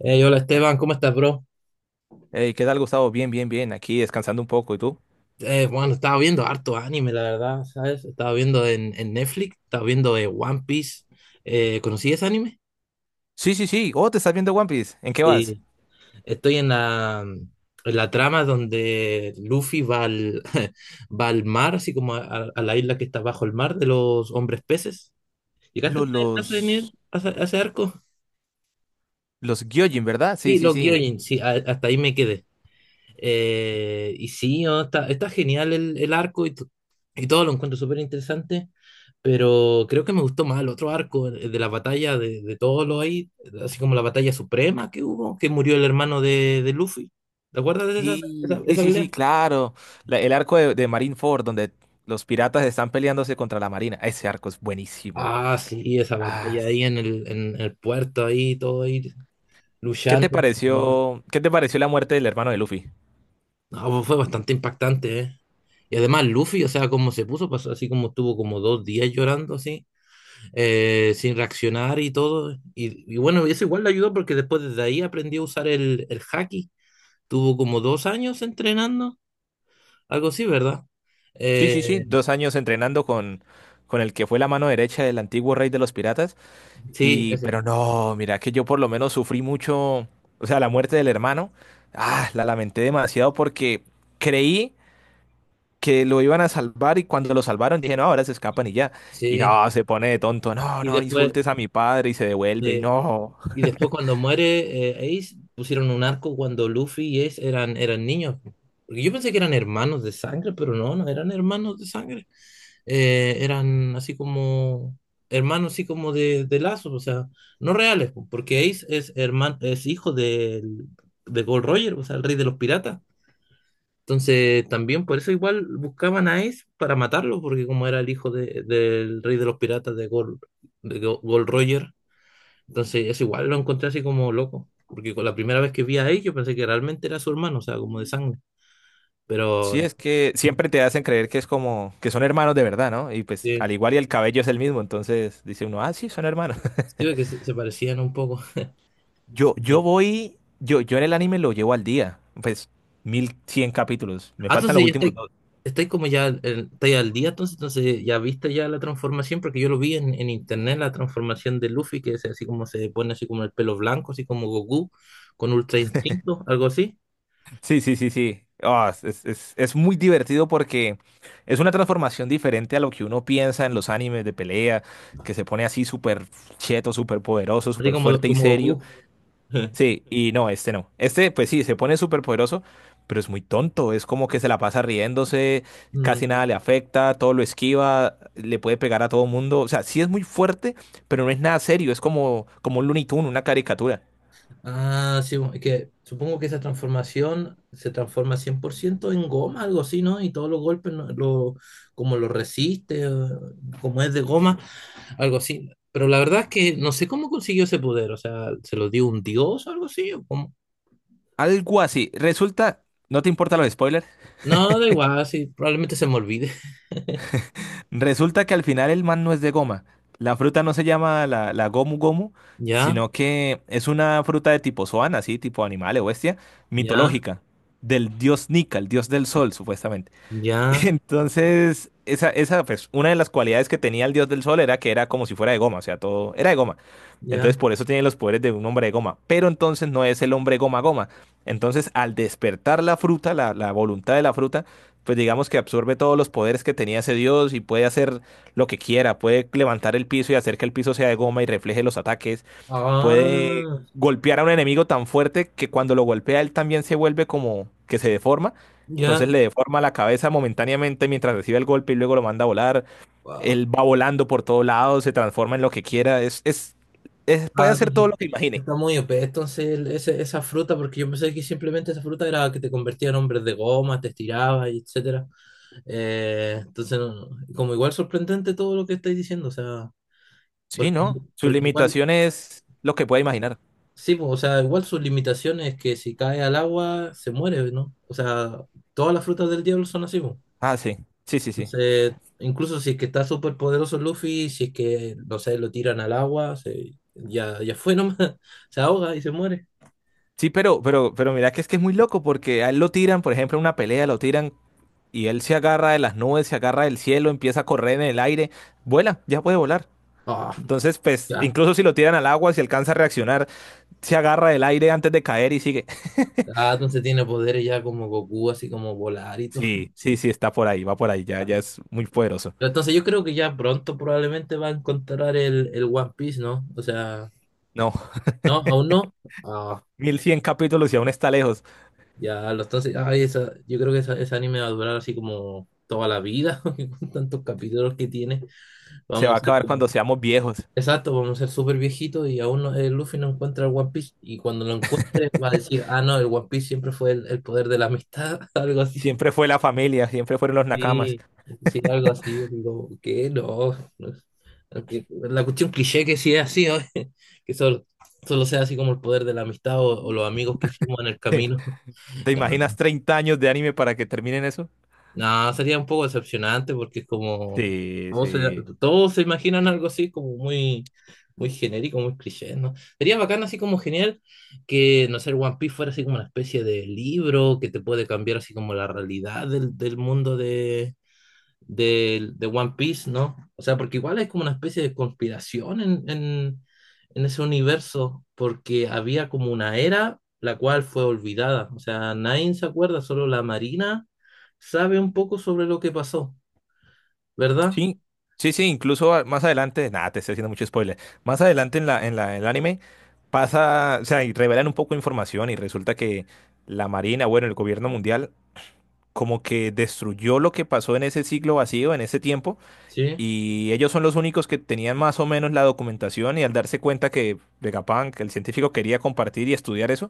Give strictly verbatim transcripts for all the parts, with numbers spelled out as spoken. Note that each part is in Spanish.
Hey, hola Esteban, ¿cómo estás, bro? Hey, ¿qué tal, Gustavo? Bien, bien, bien. Aquí descansando un poco. ¿Y tú? Eh, bueno, estaba viendo harto anime, la verdad, ¿sabes? Estaba viendo en, en Netflix, estaba viendo eh, One Piece. Eh, ¿conocí ese anime? Sí, sí, sí. Oh, te estás viendo One Piece. ¿En qué vas? Sí. Estoy en la, en la trama donde Luffy va al, va al mar, así como a, a- a la isla que está bajo el mar de los hombres peces. Ah, ¿Llegaste a Los, ese, a ese nivel- los, a ese- a ese arco? los Gyojin, ¿verdad? Sí, Sí, sí, los sí. Gyojin, sí, a- hasta ahí me quedé. Eh, y sí, no, está, está genial el, el arco, y, to- y todo lo encuentro súper interesante, pero creo que me gustó más el otro arco, el de la batalla de, de todos los ahí, así como la batalla suprema que hubo, que murió el hermano de, de Luffy. ¿Te acuerdas de esa, esa, Sí, sí, esa sí, sí, pelea? claro. La- el arco de, de Marineford, donde los piratas están peleándose contra la marina. Ese arco es buenísimo. Ah, sí, esa Ah, batalla ahí en el, en el puerto, ahí todo ahí ¿qué te luchando. pareció? ¿Qué te pareció la muerte del hermano de Luffy? No, fue bastante impactante, ¿eh? Y además Luffy, o sea, como se puso, pasó así como estuvo como dos días llorando así. Eh, sin reaccionar y todo. Y, y bueno, eso igual le ayudó porque después desde ahí aprendió a usar el, el haki. Tuvo como dos años entrenando, algo así, ¿verdad? Sí, Eh, sí, sí. Dos años entrenando con, con el que fue la mano derecha del antiguo rey de los piratas. sí, Y, ese, pero no, mira, que yo por lo menos sufrí mucho, o sea, la muerte del hermano, ah, la lamenté demasiado porque creí que lo iban a salvar y cuando lo salvaron dije, no, ahora se escapan y ya. Y sí. no, se pone de tonto, no, Y no después, insultes a mi padre y se devuelve y eh, no. y después cuando muere eh, Ace, pusieron un arco cuando Luffy y Ace eran, eran niños. Porque yo pensé que eran hermanos de sangre, pero no, no eran hermanos de sangre. Eh, eran así como hermanos, así como de, de lazos, o sea, no reales, po, porque Ace es hermano, es hijo del- de Gold Roger, o sea, el rey de los piratas. Entonces, también por eso igual buscaban a Ace para matarlo, porque como era el hijo de- del rey de los piratas de Gold, de Go- Gold Roger, entonces eso igual lo encontré así como loco, porque con la primera vez que vi a Ace yo pensé que realmente era su hermano, o sea, como de sangre, pero Sí, es que siempre te hacen creer que es como, que son hermanos de verdad, ¿no? Y pues sí, al igual y el cabello es el mismo, entonces dice uno, ah, sí, son hermanos. sí, ve que se se parecían un poco. Yo, yo voy, yo, yo en el anime lo llevo al día, pues mil cien capítulos, me Ah, ay, faltan entonces los ya últimos estoy, dos. estoy como ya, eh, estoy al día, entonces, entonces ya viste ya la transformación, porque yo lo vi en, en internet, la transformación de Luffy, que es así como se pone así como el pelo blanco, así como Goku, con Ultra Instinto, algo así, Sí, sí, sí, sí. Ah, es, es- es- es muy divertido porque es una transformación diferente a lo que uno piensa en los animes de pelea, que se pone así súper cheto, súper poderoso, así súper como, fuerte y como serio. Goku. Sí, y no, este no. Este, pues sí, se pone súper poderoso, pero es muy tonto. Es como que se la pasa riéndose, casi Mm, nada le afecta, todo lo esquiva, le puede pegar a todo mundo. O sea, sí es muy fuerte, pero no es nada serio. Es como, como un Looney Tunes, una caricatura. ah, sí, es que supongo que esa transformación se transforma cien por ciento en goma, algo así, ¿no? Y todos los golpes, ¿no? Lo, como lo resiste, eh, como es de goma, algo así. Pero la verdad es que no sé cómo consiguió ese poder, o sea, ¿se lo dio un dios o algo así? ¿O cómo? Algo así. Resulta, ¿no te importan los spoilers? No, da igual, sí, probablemente se me olvide. Resulta que al final el man no es de goma. La fruta no se llama la, la gomu gomu, Ya, sino que es una fruta de tipo zoan, así, tipo animal o bestia, ya, mitológica, del dios Nika, el dios del sol, supuestamente. ya, Entonces, esa, esa, pues, una de las cualidades que tenía el dios del sol era que era como si fuera de goma, o sea, todo era de goma. Entonces, ya. por eso tiene los poderes de un hombre de goma. Pero entonces no es el hombre goma goma. Entonces, al despertar la fruta, la, la voluntad de la fruta, pues digamos que absorbe todos los poderes que tenía ese dios y puede hacer lo que quiera, puede levantar el piso y hacer que el piso sea de goma y refleje los ataques, puede Ah, golpear a un enemigo tan fuerte que cuando lo golpea él también se vuelve como que se deforma, entonces ya. le deforma la cabeza momentáneamente mientras recibe el golpe y luego lo manda a volar, Wow. él va volando por todos lados, se transforma en lo que quiera, es, es, es- puede Ah, hacer todo entonces, lo que imagine. está muy O P, entonces el- ese- esa fruta, porque yo pensé que simplemente esa fruta era que te convertía en hombres de goma, te estiraba, y etcétera. Eh, entonces, no- no, como igual sorprendente todo lo que estáis diciendo, o sea, Sí, porque, ¿no? Su porque igual. limitación es lo que puede imaginar. Sí, po, o sea, igual sus limitaciones es que si cae al agua se muere, ¿no? O sea, todas las frutas del diablo son así, po. Ah, sí, sí, sí, sí. Entonces, incluso si es que está súper poderoso Luffy, si es que, no sé, lo tiran al agua, se, ya, ya fue nomás, se ahoga y se muere. Sí, pero, pero, pero mira que es que es muy loco porque a él lo tiran, por ejemplo, en una pelea lo tiran y él se agarra de las nubes, se agarra del cielo, empieza a correr en el aire, vuela, ya puede volar. Ah, Entonces, pues, ya. incluso si lo tiran al agua, si alcanza a reaccionar, se agarra del aire antes de caer y sigue. Ah, entonces tiene poderes ya como Goku, así como volar y todo. Sí, sí, sí, está por ahí, va por ahí, ya, Ah, ya no. es muy poderoso. Pero entonces yo creo que ya pronto probablemente va a encontrar el, el One Piece, ¿no? O sea, No, no, aún no. Ah. mil cien capítulos y aún está lejos. Ya, lo estás. Ay, esa, yo creo que esa, ese anime va a durar así como toda la vida, porque con tantos capítulos que tiene. Se Vamos va a a ser acabar cuando como. seamos viejos. Exacto, vamos a ser súper viejitos y aún no- el Luffy no encuentra el One Piece. Y cuando lo encuentre, va a decir: Ah, no, el One Piece siempre fue el, el poder de la amistad, algo así. Siempre fue la familia, siempre fueron los nakamas. Sí, sí, algo así. Digo, ¿qué? No. No. Que- La cuestión cliché que sí es así, ¿no? Que solo, solo sea así como el poder de la amistad o, o los amigos que hicimos en el camino. ¿Te imaginas treinta años de anime para que terminen eso? No, sería un poco decepcionante porque es como Sí, todos se, sí. todos se imaginan algo así como muy, muy genérico, muy cliché, ¿no? Sería bacán así como genial que, no sé, el One Piece fuera así como una especie de libro que te puede cambiar así como la realidad del, del mundo de, de, de One Piece, ¿no? O sea, porque igual hay como una especie de conspiración en, en, en ese universo, porque había como una era la cual fue olvidada. O sea, nadie se acuerda, solo la Marina sabe un poco sobre lo que pasó, ¿verdad? Sí, sí, sí, incluso a- más adelante, nada, te estoy haciendo mucho spoiler. Más adelante en la, en la, en el anime pasa, o sea, y revelan un poco de información y resulta que la Marina, bueno, el gobierno mundial, como que destruyó lo que pasó en ese siglo vacío, en ese tiempo, Sí. y ellos son los únicos que tenían más o menos la documentación y al darse cuenta que Vegapunk, el científico, quería compartir y estudiar eso,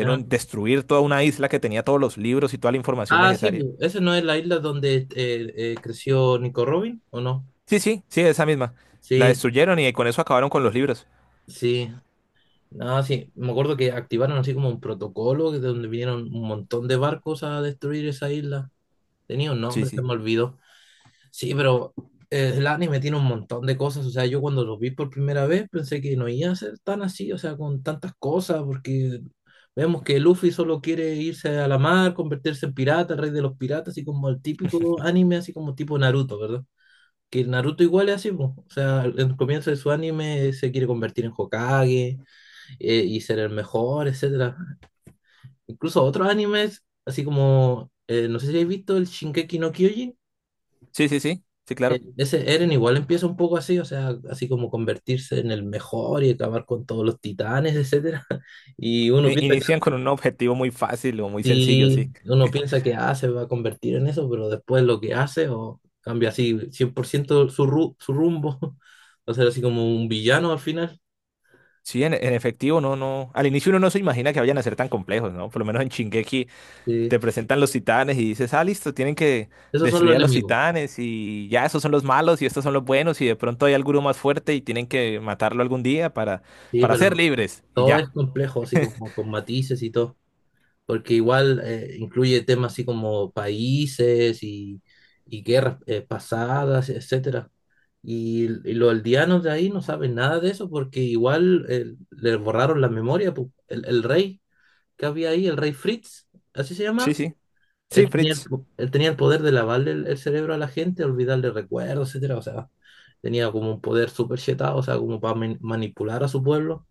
Ya. destruir toda una isla que tenía todos los libros y toda la información Ah, sí, necesaria. pu, esa no es la isla donde eh, eh, creció Nico Robin, ¿o no? Sí, sí, sí, esa misma. La Sí, destruyeron y con eso acabaron con los libros. sí. No, sí, me acuerdo que activaron así como un protocolo de donde vinieron un montón de barcos a destruir esa isla. Tenía un Sí, nombre, se sí. me olvidó. Sí, pero eh, el anime tiene un montón de cosas. O sea, yo cuando lo vi por primera vez pensé que no iba a ser tan así, o sea, con tantas cosas, porque vemos que Luffy solo quiere irse a la mar, convertirse en pirata, rey de los piratas, así como el típico anime, así como tipo Naruto, ¿verdad? Que Naruto igual es así, po. O sea, al- en el comienzo de su anime se quiere convertir en Hokage, eh, y ser el mejor, etcétera. Incluso otros animes, así como, eh, no sé si habéis visto el Shinkeki no Kyojin. Sí, sí, sí. Sí, Eh, claro. Ese Eren igual empieza un poco así, o sea, así como convertirse en el mejor y acabar con todos los titanes, etcétera. Y uno I- piensa Inician que con un objetivo muy fácil o muy sencillo, sí, sí. uno piensa que ah, se va a convertir en eso, pero después lo que hace o cambia así cien por ciento su, ru- su rumbo, va a ser así como un villano al final. Sí, en, en efectivo, no, no. Al inicio uno no se imagina que vayan a ser tan complejos, ¿no? Por lo menos en Shingeki Sí. te presentan los titanes y dices, ah, listo, tienen que Esos son los destruir a los enemigos, titanes y ya esos son los malos y estos son los buenos y de pronto hay alguno más fuerte y tienen que matarlo algún día para, sí, para ser pero libres y todo ya. es complejo, así como con matices y todo, porque igual eh, incluye temas así como países y y guerras, eh, pasadas, etcétera. Y, y los aldeanos de ahí no saben nada de eso porque igual eh, le borraron la memoria. Pu. El, el rey que había ahí, el rey Fritz, así se Sí, llama, sí. Sí, él tenía el, Fritz. po- él tenía el poder de lavarle el, el cerebro a la gente, olvidarle recuerdos, etcétera. O sea, tenía como un poder súper chetado, o sea, como para man- manipular a su pueblo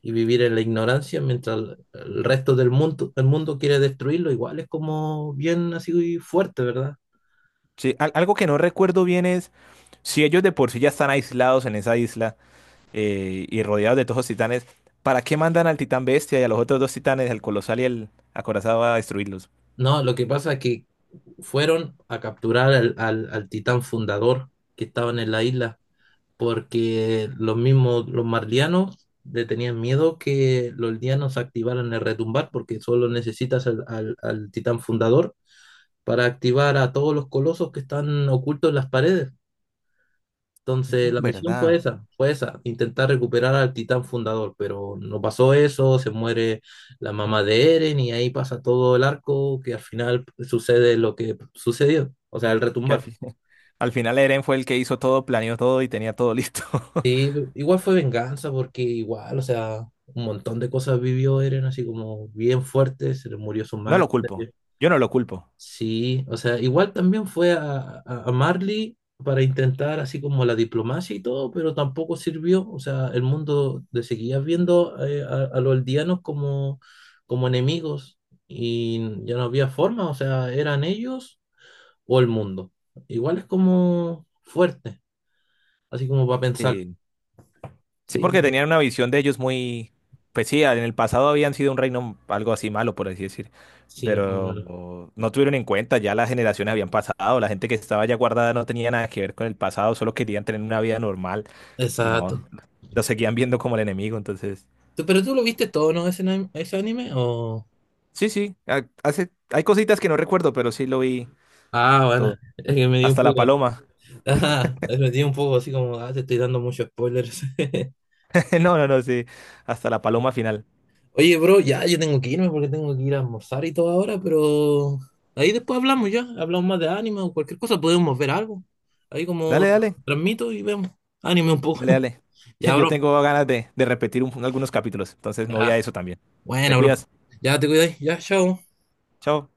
y vivir en la ignorancia mientras el, el resto del mundo, el mundo quiere destruirlo. Igual es como bien así fuerte, ¿verdad? Sí, al- algo que no recuerdo bien es si ellos de por sí ya están aislados en esa isla. Eh, y rodeados de todos los titanes, ¿para qué mandan al titán bestia y a los otros dos titanes, el colosal y el acorazado, a destruirlos? No, lo que pasa es que fueron a capturar al, al, al titán fundador que estaban en la isla, porque los mismos, los marlianos le tenían miedo que los lianos activaran el retumbar, porque solo necesitas al, al, al titán fundador para activar a todos los colosos que están ocultos en las paredes. Entonces, Mm, la misión fue ¿Verdad? esa, fue esa, intentar recuperar al titán fundador, pero no pasó eso, se muere la mamá de Eren y ahí pasa todo el arco que al final sucede lo que sucedió, o sea, el Que al retumbar. fin- al final Eren fue el que hizo todo, planeó todo y tenía todo listo. Y igual fue venganza porque igual, o sea, un montón de cosas vivió Eren así como bien fuerte, se le murió su No madre. lo culpo, yo no lo culpo. Sí, o sea, igual también fue a, a- a Marley para intentar así como la diplomacia y todo, pero tampoco sirvió. O sea, el mundo le seguía viendo, eh, a, a los aldeanos como, como enemigos, y ya no había forma, o sea, eran ellos o el mundo. Igual es como fuerte, así como para pensar. Eh, sí, Sí, porque tenían una visión de ellos muy... Pues sí, en el pasado habían sido un reino algo así malo, por así decir. sí, es como- Pero no tuvieron en cuenta, ya las generaciones habían pasado, la gente que estaba ya guardada no tenía nada que ver con el pasado, solo querían tener una vida normal y no, exacto. lo seguían viendo como el enemigo, entonces, Tú- Pero tú lo viste todo, ¿no? Ese, anime- ese anime o... sí, sí, ha- hace, hay cositas que no recuerdo, pero sí lo vi Ah, bueno, todo, es que me dio un hasta la poco... paloma, Ajá, lo tiene un poco así como, ah, te estoy dando muchos spoilers. no, no, no, sí, hasta la paloma final. Oye, bro, ya yo tengo que irme porque tengo que ir a almorzar y todo ahora, pero ahí después hablamos ya, hablamos más de anime o cualquier cosa, podemos ver algo. Ahí como Dale, dale, transmito y vemos anime un poco. dale, dale. Ya, Yo bro. tengo ganas de, de repetir un- algunos capítulos, entonces me voy a Ya, eso también. Te bueno, bro. cuidas, Ya te cuidáis, ya, chao. chao.